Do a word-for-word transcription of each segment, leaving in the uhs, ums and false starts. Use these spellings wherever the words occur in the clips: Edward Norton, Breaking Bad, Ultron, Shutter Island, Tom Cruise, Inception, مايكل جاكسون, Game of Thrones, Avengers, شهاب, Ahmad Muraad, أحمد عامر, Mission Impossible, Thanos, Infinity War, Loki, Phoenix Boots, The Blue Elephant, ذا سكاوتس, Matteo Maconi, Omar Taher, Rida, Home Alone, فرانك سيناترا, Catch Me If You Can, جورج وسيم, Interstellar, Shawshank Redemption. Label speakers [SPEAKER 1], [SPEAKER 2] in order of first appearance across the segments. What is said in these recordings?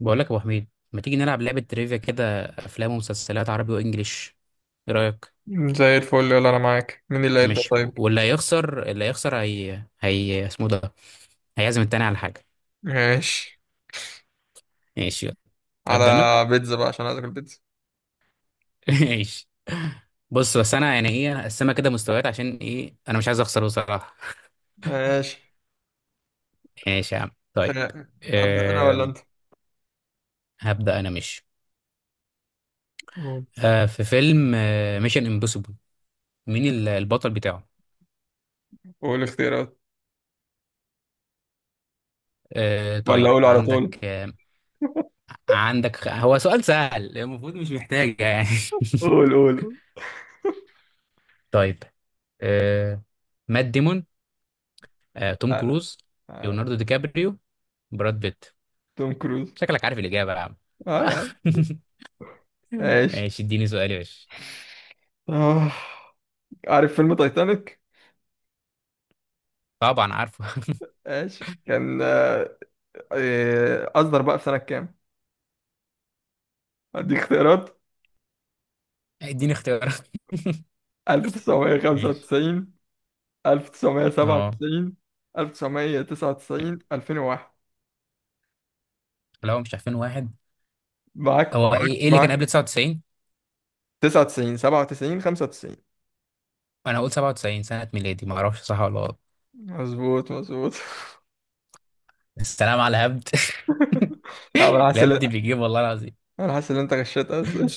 [SPEAKER 1] بقول لك يا ابو حميد، ما تيجي نلعب لعبه تريفيا كده، افلام ومسلسلات عربي وانجليش؟ ايه رايك؟
[SPEAKER 2] زي الفل يلا انا معاك. مين اللي هيبدأ
[SPEAKER 1] ماشي،
[SPEAKER 2] طيب؟
[SPEAKER 1] واللي هيخسر اللي هيخسر هي هي اسمه ده، هيعزم التاني على حاجه.
[SPEAKER 2] ماشي.
[SPEAKER 1] ماشي يلا.
[SPEAKER 2] على
[SPEAKER 1] ابدا انا.
[SPEAKER 2] بيتزا بقى عشان عايز اكل بيتزا.
[SPEAKER 1] ماشي. بص، بس انا يعني ايه، هقسمها كده مستويات، عشان ايه؟ انا مش عايز اخسر بصراحه.
[SPEAKER 2] ماشي.
[SPEAKER 1] ماشي يا عم، طيب.
[SPEAKER 2] آه، ابدأ انا ولا
[SPEAKER 1] أم...
[SPEAKER 2] انت؟
[SPEAKER 1] هبدا انا مش
[SPEAKER 2] قول
[SPEAKER 1] أه في فيلم ميشن امبوسيبل، مين ال- البطل بتاعه؟
[SPEAKER 2] قول اختيارات،
[SPEAKER 1] أه
[SPEAKER 2] ولا
[SPEAKER 1] طيب،
[SPEAKER 2] اقول على طول؟
[SPEAKER 1] عندك آه، عندك خ- هو سؤال سهل المفروض، مش محتاجة يعني.
[SPEAKER 2] قول قول قول.
[SPEAKER 1] طيب. آه... مات ديمون، آه... توم
[SPEAKER 2] لا لا
[SPEAKER 1] كروز،
[SPEAKER 2] آه،
[SPEAKER 1] ليوناردو دي كابريو، براد بيت؟
[SPEAKER 2] توم كروز.
[SPEAKER 1] شكلك عارف الإجابة يا عم.
[SPEAKER 2] اه
[SPEAKER 1] آه.
[SPEAKER 2] يا عم. ماشي.
[SPEAKER 1] ماشي، اديني سؤال يا باشا.
[SPEAKER 2] آه. عارف فيلم تايتانيك؟
[SPEAKER 1] طبعا عارفه.
[SPEAKER 2] ماشي، كان آه، آه، اصدر بقى في سنة كام؟ اديك اختيارات:
[SPEAKER 1] اديني اختيارات. ماشي.
[SPEAKER 2] ألف وتسعمية وخمسة وتسعين،
[SPEAKER 1] اه.
[SPEAKER 2] ألف وتسعمية وسبعة وتسعين، ألف وتسعمية وتسعة وتسعين، ألفين وواحد.
[SPEAKER 1] لو مش عارفين واحد،
[SPEAKER 2] معاك
[SPEAKER 1] هو
[SPEAKER 2] معاك
[SPEAKER 1] ايه ايه اللي كان قبل
[SPEAKER 2] معاك.
[SPEAKER 1] تسعة وتسعين؟
[SPEAKER 2] تسعة وتسعين، سبعة وتسعين، خمسة وتسعين.
[SPEAKER 1] انا هقول سبعة وتسعين سنة ميلادي، ما اعرفش صح ولا غلط.
[SPEAKER 2] مظبوط مظبوط.
[SPEAKER 1] السلام على الهبد.
[SPEAKER 2] لا، انا حاسس
[SPEAKER 1] الهبد
[SPEAKER 2] ان
[SPEAKER 1] بيجيب والله العظيم.
[SPEAKER 2] انا حاسس ان انت غشيت اصلا.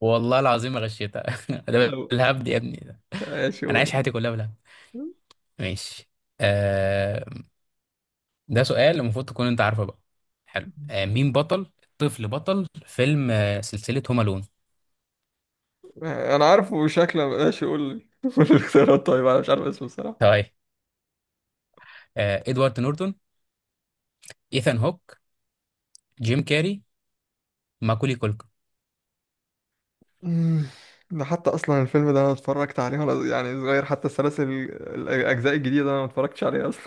[SPEAKER 1] والله العظيم ما غشيتها. ده
[SPEAKER 2] أو-
[SPEAKER 1] بالهبد يا ابني ده،
[SPEAKER 2] ايش
[SPEAKER 1] انا عايش حياتي
[SPEAKER 2] يقول.
[SPEAKER 1] كلها بالهبد. ماشي. آه، ده سؤال المفروض تكون انت عارفه بقى. حلو، آه مين بطل، طفل بطل فيلم آه سلسلة هوم الون؟
[SPEAKER 2] انا عارفه شكله ايش يقول. قول الاختيارات طيب، انا مش عارف اسمه الصراحه.
[SPEAKER 1] طيب، آه ادوارد نورتون، ايثان هوك، جيم كاري، ماكولي كولكن؟
[SPEAKER 2] أمم، ده حتى اصلا الفيلم ده انا اتفرجت عليه وانا يعني صغير، حتى السلاسل الاجزاء الجديده انا ما اتفرجتش عليها اصلا.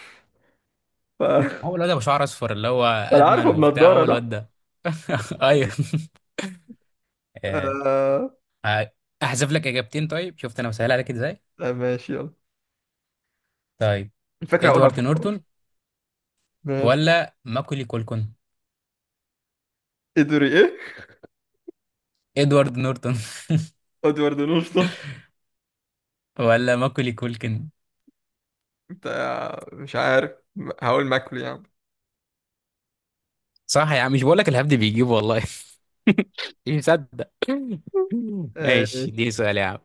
[SPEAKER 2] ف...
[SPEAKER 1] هو الواد ابو شعر اصفر اللي هو
[SPEAKER 2] فانا
[SPEAKER 1] ادمن
[SPEAKER 2] عارفه
[SPEAKER 1] وبتاع،
[SPEAKER 2] بنضاره
[SPEAKER 1] هو
[SPEAKER 2] ده.
[SPEAKER 1] الواد ده. ايوه. آه.
[SPEAKER 2] آه...
[SPEAKER 1] آه، احذف لك اجابتين، طيب شفت انا بسهل عليك ازاي؟
[SPEAKER 2] آه ماشي يلا.
[SPEAKER 1] طيب،
[SPEAKER 2] الفكره اقولها.
[SPEAKER 1] ادوارد نورتون
[SPEAKER 2] ماشي.
[SPEAKER 1] ولا ماكولي كولكن؟
[SPEAKER 2] ادري ايه.
[SPEAKER 1] ادوارد نورتون.
[SPEAKER 2] ادوارد نورتون.
[SPEAKER 1] ولا ماكولي كولكن؟
[SPEAKER 2] بتاع مش عارف، هقول ماكل يعني.
[SPEAKER 1] صح يا عم، مش بقول لك الهبد بيجيب والله. مش مصدق.
[SPEAKER 2] آه،
[SPEAKER 1] ماشي، اديني سؤال يا عم.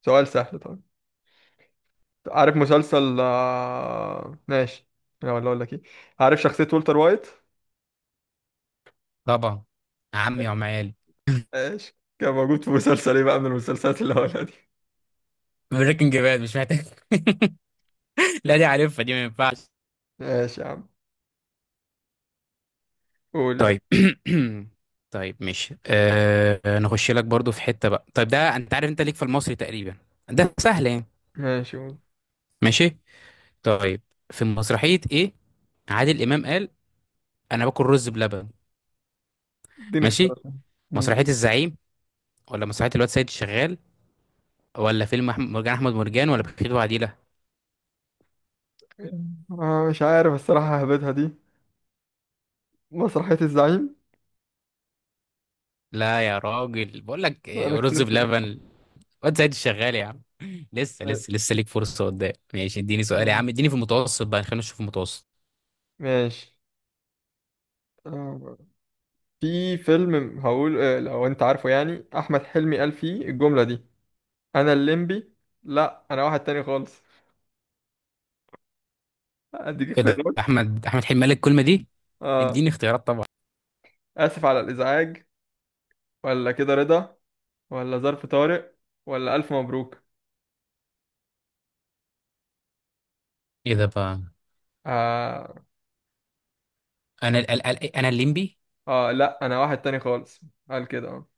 [SPEAKER 2] سؤال سهل طبعا. عارف مسلسل آه، ماشي. لا، ولا اقول لك ايه. عارف شخصية والتر وايت؟
[SPEAKER 1] طبعا، عمي وعمال.
[SPEAKER 2] ماشي، كان موجود في مسلسل ايه بقى من المسلسلات اللي هقولها دي.
[SPEAKER 1] بريكنج باد، مش محتاج. لا دي عارفها دي، ما ينفعش.
[SPEAKER 2] ماشي يا عم. قول يا عم.
[SPEAKER 1] طيب. طيب ماشي، أه نخش لك برضو في حتة بقى، طيب ده انت عارف، انت ليك في المصري تقريبا، ده سهل يعني.
[SPEAKER 2] ماشي. قول.
[SPEAKER 1] ماشي. طيب، في مسرحية ايه عادل امام قال انا باكل رز بلبن؟
[SPEAKER 2] اديني
[SPEAKER 1] ماشي،
[SPEAKER 2] اختيارات. أمم،
[SPEAKER 1] مسرحية
[SPEAKER 2] قول.
[SPEAKER 1] الزعيم ولا مسرحية الواد سيد الشغال ولا فيلم أحمد مرجان أحمد مرجان ولا بخيت وعديلة؟
[SPEAKER 2] آه، مش عارف الصراحة، هبتها دي. مسرحية الزعيم.
[SPEAKER 1] لا يا راجل، بقول لك
[SPEAKER 2] انا
[SPEAKER 1] إيه، رز
[SPEAKER 2] خسرت دي.
[SPEAKER 1] بلبن. واد سيد الشغال يا عم. لسه
[SPEAKER 2] آه،
[SPEAKER 1] لسه لسه ليك فرصة قدام. ماشي اديني سؤال يا عم، اديني في المتوسط بقى، خلينا نشوف المتوسط.
[SPEAKER 2] ماشي. آه، في فيلم هقول، آه، لو انت عارفه يعني، احمد حلمي قال فيه الجملة دي: انا الليمبي. لا انا واحد تاني خالص. اديك
[SPEAKER 1] ايه ده،
[SPEAKER 2] اختيارات.
[SPEAKER 1] أحمد أحمد حلمي قال لك الكلمة دي؟
[SPEAKER 2] اه.
[SPEAKER 1] اديني اختيارات طبعا.
[SPEAKER 2] اسف على الازعاج، ولا كده رضا، ولا ظرف طارق، ولا الف مبروك.
[SPEAKER 1] ايه ده بقى؟
[SPEAKER 2] اه,
[SPEAKER 1] انا ال ال ال انا الليمبي.
[SPEAKER 2] آه لا انا واحد تاني خالص. قال كده اه.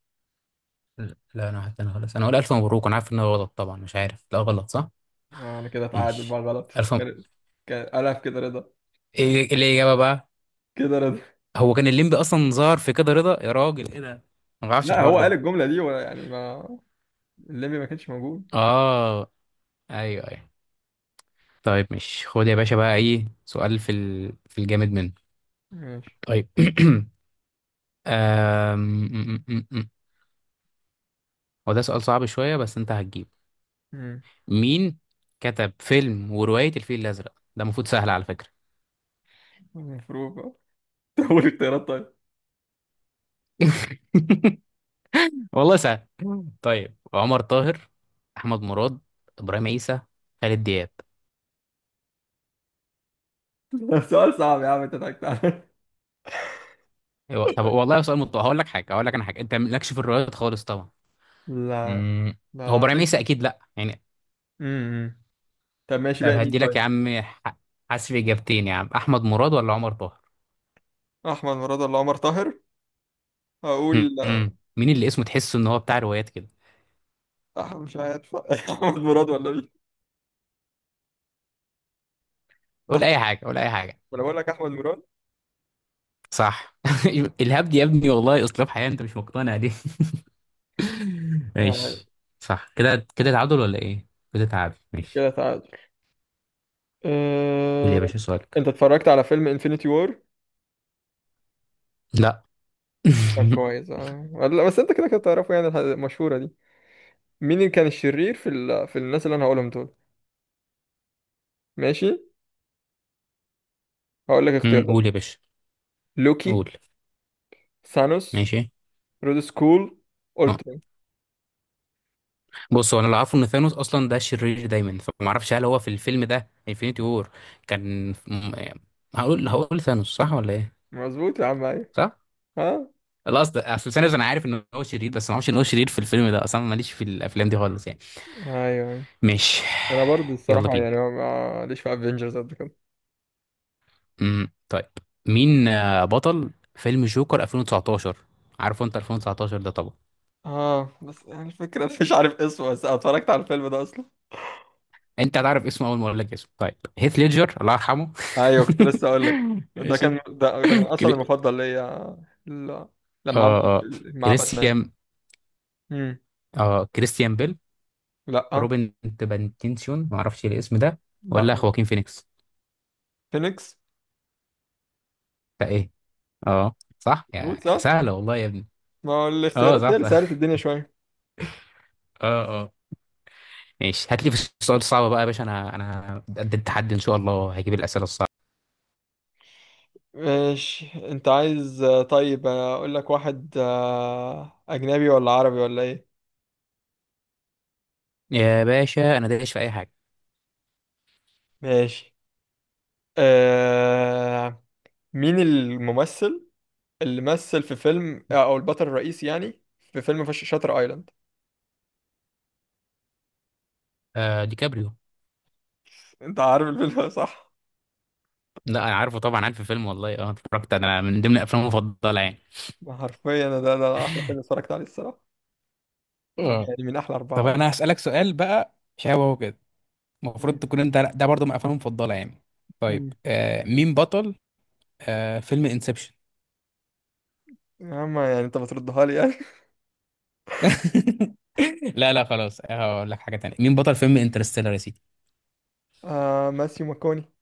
[SPEAKER 1] لا لا، انا حتى انا خلاص انا اقول الف مبروك، انا عارف ان هو غلط طبعا، مش عارف لا غلط صح.
[SPEAKER 2] آه، انا كده تعادل بقى.
[SPEAKER 1] ماشي.
[SPEAKER 2] غلط
[SPEAKER 1] الف م...
[SPEAKER 2] كان. كان قالها في كده رضا.
[SPEAKER 1] ايه، إيه الاجابه بقى؟
[SPEAKER 2] كده رضا.
[SPEAKER 1] هو كان الليمبي اصلا ظهر في كده رضا يا راجل، ايه ده؟ انا ما بعرفش
[SPEAKER 2] لا،
[SPEAKER 1] الحوار
[SPEAKER 2] هو قال
[SPEAKER 1] ده.
[SPEAKER 2] الجملة دي، ولا يعني ما. الليمبي ما كانش موجود.
[SPEAKER 1] اه، ايوه ايوه. طيب مش خد يا باشا بقى، ايه سؤال في ال... في الجامد منه.
[SPEAKER 2] ماشي.
[SPEAKER 1] طيب. آم، م- م- م- م. هو ده سؤال صعب شويه بس انت هتجيب.
[SPEAKER 2] مم.
[SPEAKER 1] مين كتب فيلم وروايه الفيل الازرق؟ ده المفروض سهل على فكره.
[SPEAKER 2] المفروض بقى؟ اقول اختيارات طيب.
[SPEAKER 1] والله سهل. طيب، عمر طاهر، احمد مراد، ابراهيم عيسى، خالد دياب؟
[SPEAKER 2] سؤال صعب يا عم، انت ضحكت عليا.
[SPEAKER 1] أيوة، طب والله سؤال مت... هقول لك حاجه، هقول لك انا حاجه، انت مالكش في الروايات خالص طبعا.
[SPEAKER 2] لا
[SPEAKER 1] مم. هو
[SPEAKER 2] لا،
[SPEAKER 1] ابراهيم
[SPEAKER 2] عشان
[SPEAKER 1] عيسى
[SPEAKER 2] كده.
[SPEAKER 1] اكيد لا يعني.
[SPEAKER 2] امم. طب ماشي
[SPEAKER 1] طب
[SPEAKER 2] بقى، مين
[SPEAKER 1] هدي لك يا
[SPEAKER 2] طيب؟
[SPEAKER 1] عم، ح- حذف اجابتين يا عم، احمد مراد ولا عمر طاهر؟
[SPEAKER 2] احمد مراد ولا عمر طاهر؟ هقول
[SPEAKER 1] مم. مين اللي اسمه تحسه ان هو بتاع روايات كده؟
[SPEAKER 2] احمد مش عارف. احمد مراد ولا مين؟
[SPEAKER 1] قول اي
[SPEAKER 2] احمد،
[SPEAKER 1] حاجه، قول اي حاجه.
[SPEAKER 2] ولا بقول لك احمد مراد.
[SPEAKER 1] صح. الهبد يا ابني والله اسلوب حياه، انت مش مقتنع دي.
[SPEAKER 2] تعال.
[SPEAKER 1] ماشي. صح، كده كده تعادل ولا ايه؟ كده تعادل، ماشي.
[SPEAKER 2] كده تعادل.
[SPEAKER 1] قول
[SPEAKER 2] أه...
[SPEAKER 1] يا باشا سؤالك.
[SPEAKER 2] انت اتفرجت على فيلم انفينيتي وور؟
[SPEAKER 1] لا.
[SPEAKER 2] طب كويس. اه لا بس انت كده كده تعرفه يعني، الح- المشهوره دي. مين اللي كان الشرير في ال... في الناس اللي انا هقولهم دول؟ ماشي، هقول لك
[SPEAKER 1] مم.
[SPEAKER 2] اختيارات.
[SPEAKER 1] قول يا باشا.
[SPEAKER 2] لوكي،
[SPEAKER 1] قول.
[SPEAKER 2] ثانوس،
[SPEAKER 1] ماشي.
[SPEAKER 2] رود سكول، اولترا.
[SPEAKER 1] بص، هو انا اللي اعرفه ان ثانوس اصلا ده شرير دايما، فما اعرفش هل هو في الفيلم ده انفينيتي وور كان م- هقول، هقول ثانوس صح ولا ايه؟
[SPEAKER 2] مظبوط يا عم ايوه.
[SPEAKER 1] صح.
[SPEAKER 2] ها.
[SPEAKER 1] لا اصل، اصل ثانوس انا عارف ان هو شرير، بس ما اعرفش ان هو شرير في الفيلم ده اصلا، ماليش في الافلام دي خالص يعني.
[SPEAKER 2] ايوه أيوة.
[SPEAKER 1] ماشي.
[SPEAKER 2] انا برضه
[SPEAKER 1] يلا
[SPEAKER 2] الصراحه
[SPEAKER 1] بينا.
[SPEAKER 2] يعني ما ما- ليش في افنجرز قد كده.
[SPEAKER 1] امم طيب، مين آه، بطل فيلم جوكر ألفين وتسعتاشر؟ عارفه انت ألفين وتسعة عشر ده طبعا.
[SPEAKER 2] اه بس يعني الفكرة، مش عارف اسمه بس أنا اتفرجت على الفيلم ده اصلا.
[SPEAKER 1] انت هتعرف اسمه اول ما اقول لك اسمه، طيب هيث ليدجر الله يرحمه.
[SPEAKER 2] ايوه، كنت لسه اقول لك، ده
[SPEAKER 1] ماشي.
[SPEAKER 2] كان ده, ده كان اصلا
[SPEAKER 1] كري...
[SPEAKER 2] المفضل ليا. ال- لما
[SPEAKER 1] اه
[SPEAKER 2] عمل
[SPEAKER 1] اه،
[SPEAKER 2] مع باتمان.
[SPEAKER 1] كريستيان،
[SPEAKER 2] امم.
[SPEAKER 1] اه كريستيان بيل،
[SPEAKER 2] لا.
[SPEAKER 1] روبن، تبنتينسيون ما اعرفش الاسم ده،
[SPEAKER 2] لا.
[SPEAKER 1] ولا خواكين فينيكس؟
[SPEAKER 2] فينيكس.
[SPEAKER 1] فايه. اه صح،
[SPEAKER 2] بوتس
[SPEAKER 1] يا
[SPEAKER 2] اه.
[SPEAKER 1] سهله والله يا ابني.
[SPEAKER 2] ما هو
[SPEAKER 1] اه
[SPEAKER 2] الاختيارات هي
[SPEAKER 1] صح
[SPEAKER 2] اللي
[SPEAKER 1] صح.
[SPEAKER 2] سهلت الدنيا شويه.
[SPEAKER 1] اه اه. ماشي، هات لي في السؤال الصعب بقى يا باشا، انا انا قد التحدي ان شاء الله، هجيب الاسئله الصعبه.
[SPEAKER 2] ماشي، انت عايز آه، طيب، آه، اقول لك واحد آه، اجنبي ولا عربي ولا ايه؟
[SPEAKER 1] يا باشا انا دايش في اي حاجه.
[SPEAKER 2] ماشي. أه... مين الممثل اللي مثل في فيلم آه، او البطل الرئيسي يعني، في فيلم فش- شاتر ايلاند؟
[SPEAKER 1] آه دي كابريو.
[SPEAKER 2] انت عارف الفيلم ده صح؟
[SPEAKER 1] لا انا عارفه طبعا، عارف الفيلم والله، اه اتفرجت انا، من ضمن افلامي المفضله يعني.
[SPEAKER 2] ما حرفيا ده ده ده احلى فيلم اتفرجت عليه الصراحه. أو
[SPEAKER 1] اه.
[SPEAKER 2] يعني من احلى اربعه
[SPEAKER 1] طب
[SPEAKER 2] ولا.
[SPEAKER 1] انا هسألك سؤال بقى شبهه كده، المفروض
[SPEAKER 2] مم.
[SPEAKER 1] تكون انت ده برضه من افلامي المفضله يعني. طيب
[SPEAKER 2] مم.
[SPEAKER 1] آه مين بطل آه فيلم انسبشن؟
[SPEAKER 2] يا عم يعني انت بتردها لي يعني.
[SPEAKER 1] لا لا خلاص، هقول لك حاجة تانية، مين بطل فيلم انترستيلر يا سيدي؟
[SPEAKER 2] آه ماسيو ماكوني.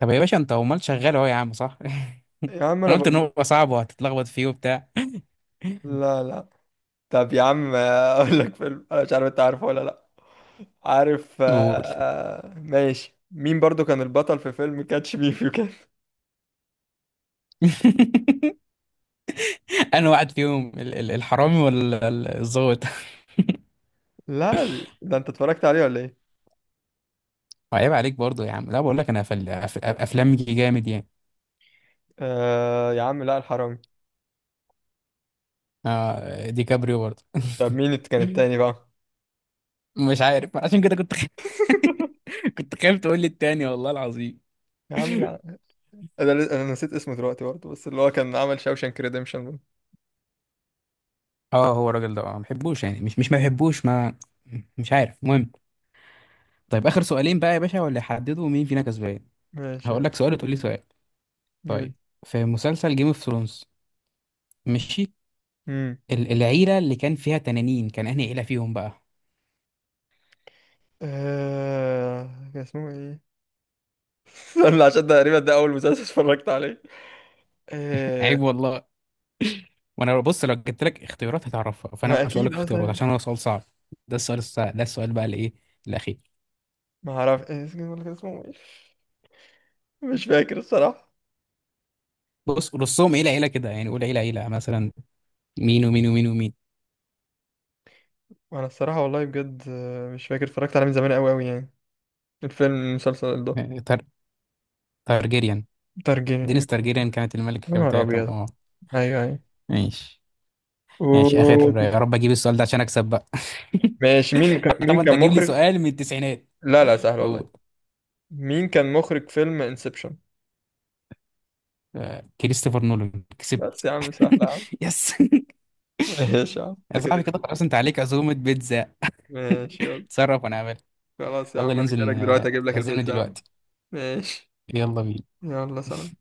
[SPEAKER 1] طب يا باشا انت امال شغال اهو يا عم، صح.
[SPEAKER 2] يا عم انا
[SPEAKER 1] انا قلت ان
[SPEAKER 2] بقول.
[SPEAKER 1] هو صعب وهتتلخبط فيه وبتاع.
[SPEAKER 2] لا لا. طب يا عم آه، اقول لك فيلم انا مش عارف انت عارفه ولا لا. عارف آه.
[SPEAKER 1] قول.
[SPEAKER 2] آه، ماشي، مين برضو كان البطل في فيلم كاتش مي فيو كان؟
[SPEAKER 1] انا واحد فيهم، ال- ال- الحرامي ولا ال- الظابط؟
[SPEAKER 2] لا ده انت اتفرجت عليه ولا ايه؟
[SPEAKER 1] عيب عليك برضو يا عم، لا بقول لك انا فل... أف- افلام جامد يعني.
[SPEAKER 2] آه يا عم لا الحرام.
[SPEAKER 1] آه دي كابريو برضو.
[SPEAKER 2] طب مين اللي كان التاني بقى؟
[SPEAKER 1] مش عارف، عشان كده كنت خ... كنت خايف تقول لي التاني والله العظيم.
[SPEAKER 2] يا عم لا. انا ل- انا نسيت اسمه دلوقتي برضه، بس اللي هو كان عمل شاوشانك ريديمشن.
[SPEAKER 1] اه هو الراجل ده اه ما بحبوش يعني، مش مش ما بحبوش ما، مش عارف المهم. طيب اخر سؤالين بقى يا باشا، واللي يحددوا مين فينا كسبان.
[SPEAKER 2] ماشي.
[SPEAKER 1] هقول لك سؤال وتقول لي سؤال.
[SPEAKER 2] ماشي.
[SPEAKER 1] طيب، في مسلسل جيم اوف ثرونز، ماشي،
[SPEAKER 2] امم.
[SPEAKER 1] ال- العيله اللي كان فيها تنانين، كان انهي عيله فيهم بقى؟
[SPEAKER 2] آه... كان اسمه ايه؟ استنى، عشان ده تقريبا ده اول مسلسل اتفرجت عليه.
[SPEAKER 1] عيب
[SPEAKER 2] آه...
[SPEAKER 1] والله. وانا بص، لو جبت لك اختيارات هتعرفها، فانا
[SPEAKER 2] ما
[SPEAKER 1] مش هقول لك
[SPEAKER 2] اكيد
[SPEAKER 1] اختيارات
[SPEAKER 2] اصلا.
[SPEAKER 1] عشان هو سؤال صعب. ده السؤال الصعب، ده السؤال بقى اللي ايه، الاخير.
[SPEAKER 2] ما اعرف إيه اسمه، ولا كان اسمه ايه. مش فاكر الصراحة.
[SPEAKER 1] بص رصهم عيله عيله كده يعني، قول عيله عيله مثلا، مين ومين ومين ومين.
[SPEAKER 2] وانا الصراحة والله بجد، آه، مش فاكر، اتفرجت عليه من زمان قوي قوي يعني، الفيلم المسلسل ده.
[SPEAKER 1] تار... تارجيريان.
[SPEAKER 2] ترجمة يا
[SPEAKER 1] دينيس تارجيريان كانت الملكه
[SPEAKER 2] نهار
[SPEAKER 1] بتاعتهم
[SPEAKER 2] ابيض.
[SPEAKER 1] اه.
[SPEAKER 2] ايوه ايوه.
[SPEAKER 1] ماشي. ماشي،
[SPEAKER 2] أوه.
[SPEAKER 1] اخر يا رب اجيب السؤال ده عشان اكسب بقى.
[SPEAKER 2] ماشي، مين كان
[SPEAKER 1] طبعا
[SPEAKER 2] مين
[SPEAKER 1] انت
[SPEAKER 2] كان
[SPEAKER 1] تجيب لي
[SPEAKER 2] مخرج؟
[SPEAKER 1] سؤال من التسعينات.
[SPEAKER 2] لا لا سهل والله.
[SPEAKER 1] او،
[SPEAKER 2] مين كان مخرج فيلم انسبشن؟
[SPEAKER 1] آه، كريستوفر نولان. كسبت.
[SPEAKER 2] بس يا عم سهل يا عم.
[SPEAKER 1] يس.
[SPEAKER 2] ماشي يا عم،
[SPEAKER 1] يا
[SPEAKER 2] انت كده
[SPEAKER 1] صاحبي كده
[SPEAKER 2] كده.
[SPEAKER 1] خلاص، انت عليك عزومة بيتزا.
[SPEAKER 2] ماشي يلا.
[SPEAKER 1] اتصرف، وانا اعمل.
[SPEAKER 2] خلاص يا عم،
[SPEAKER 1] يلا
[SPEAKER 2] انا
[SPEAKER 1] ننزل
[SPEAKER 2] جاي لك
[SPEAKER 1] ن-
[SPEAKER 2] دلوقتي اجيب لك
[SPEAKER 1] تعزمني
[SPEAKER 2] البيتزا يا عم.
[SPEAKER 1] دلوقتي.
[SPEAKER 2] ماشي
[SPEAKER 1] يلا بينا.
[SPEAKER 2] يلا سلام.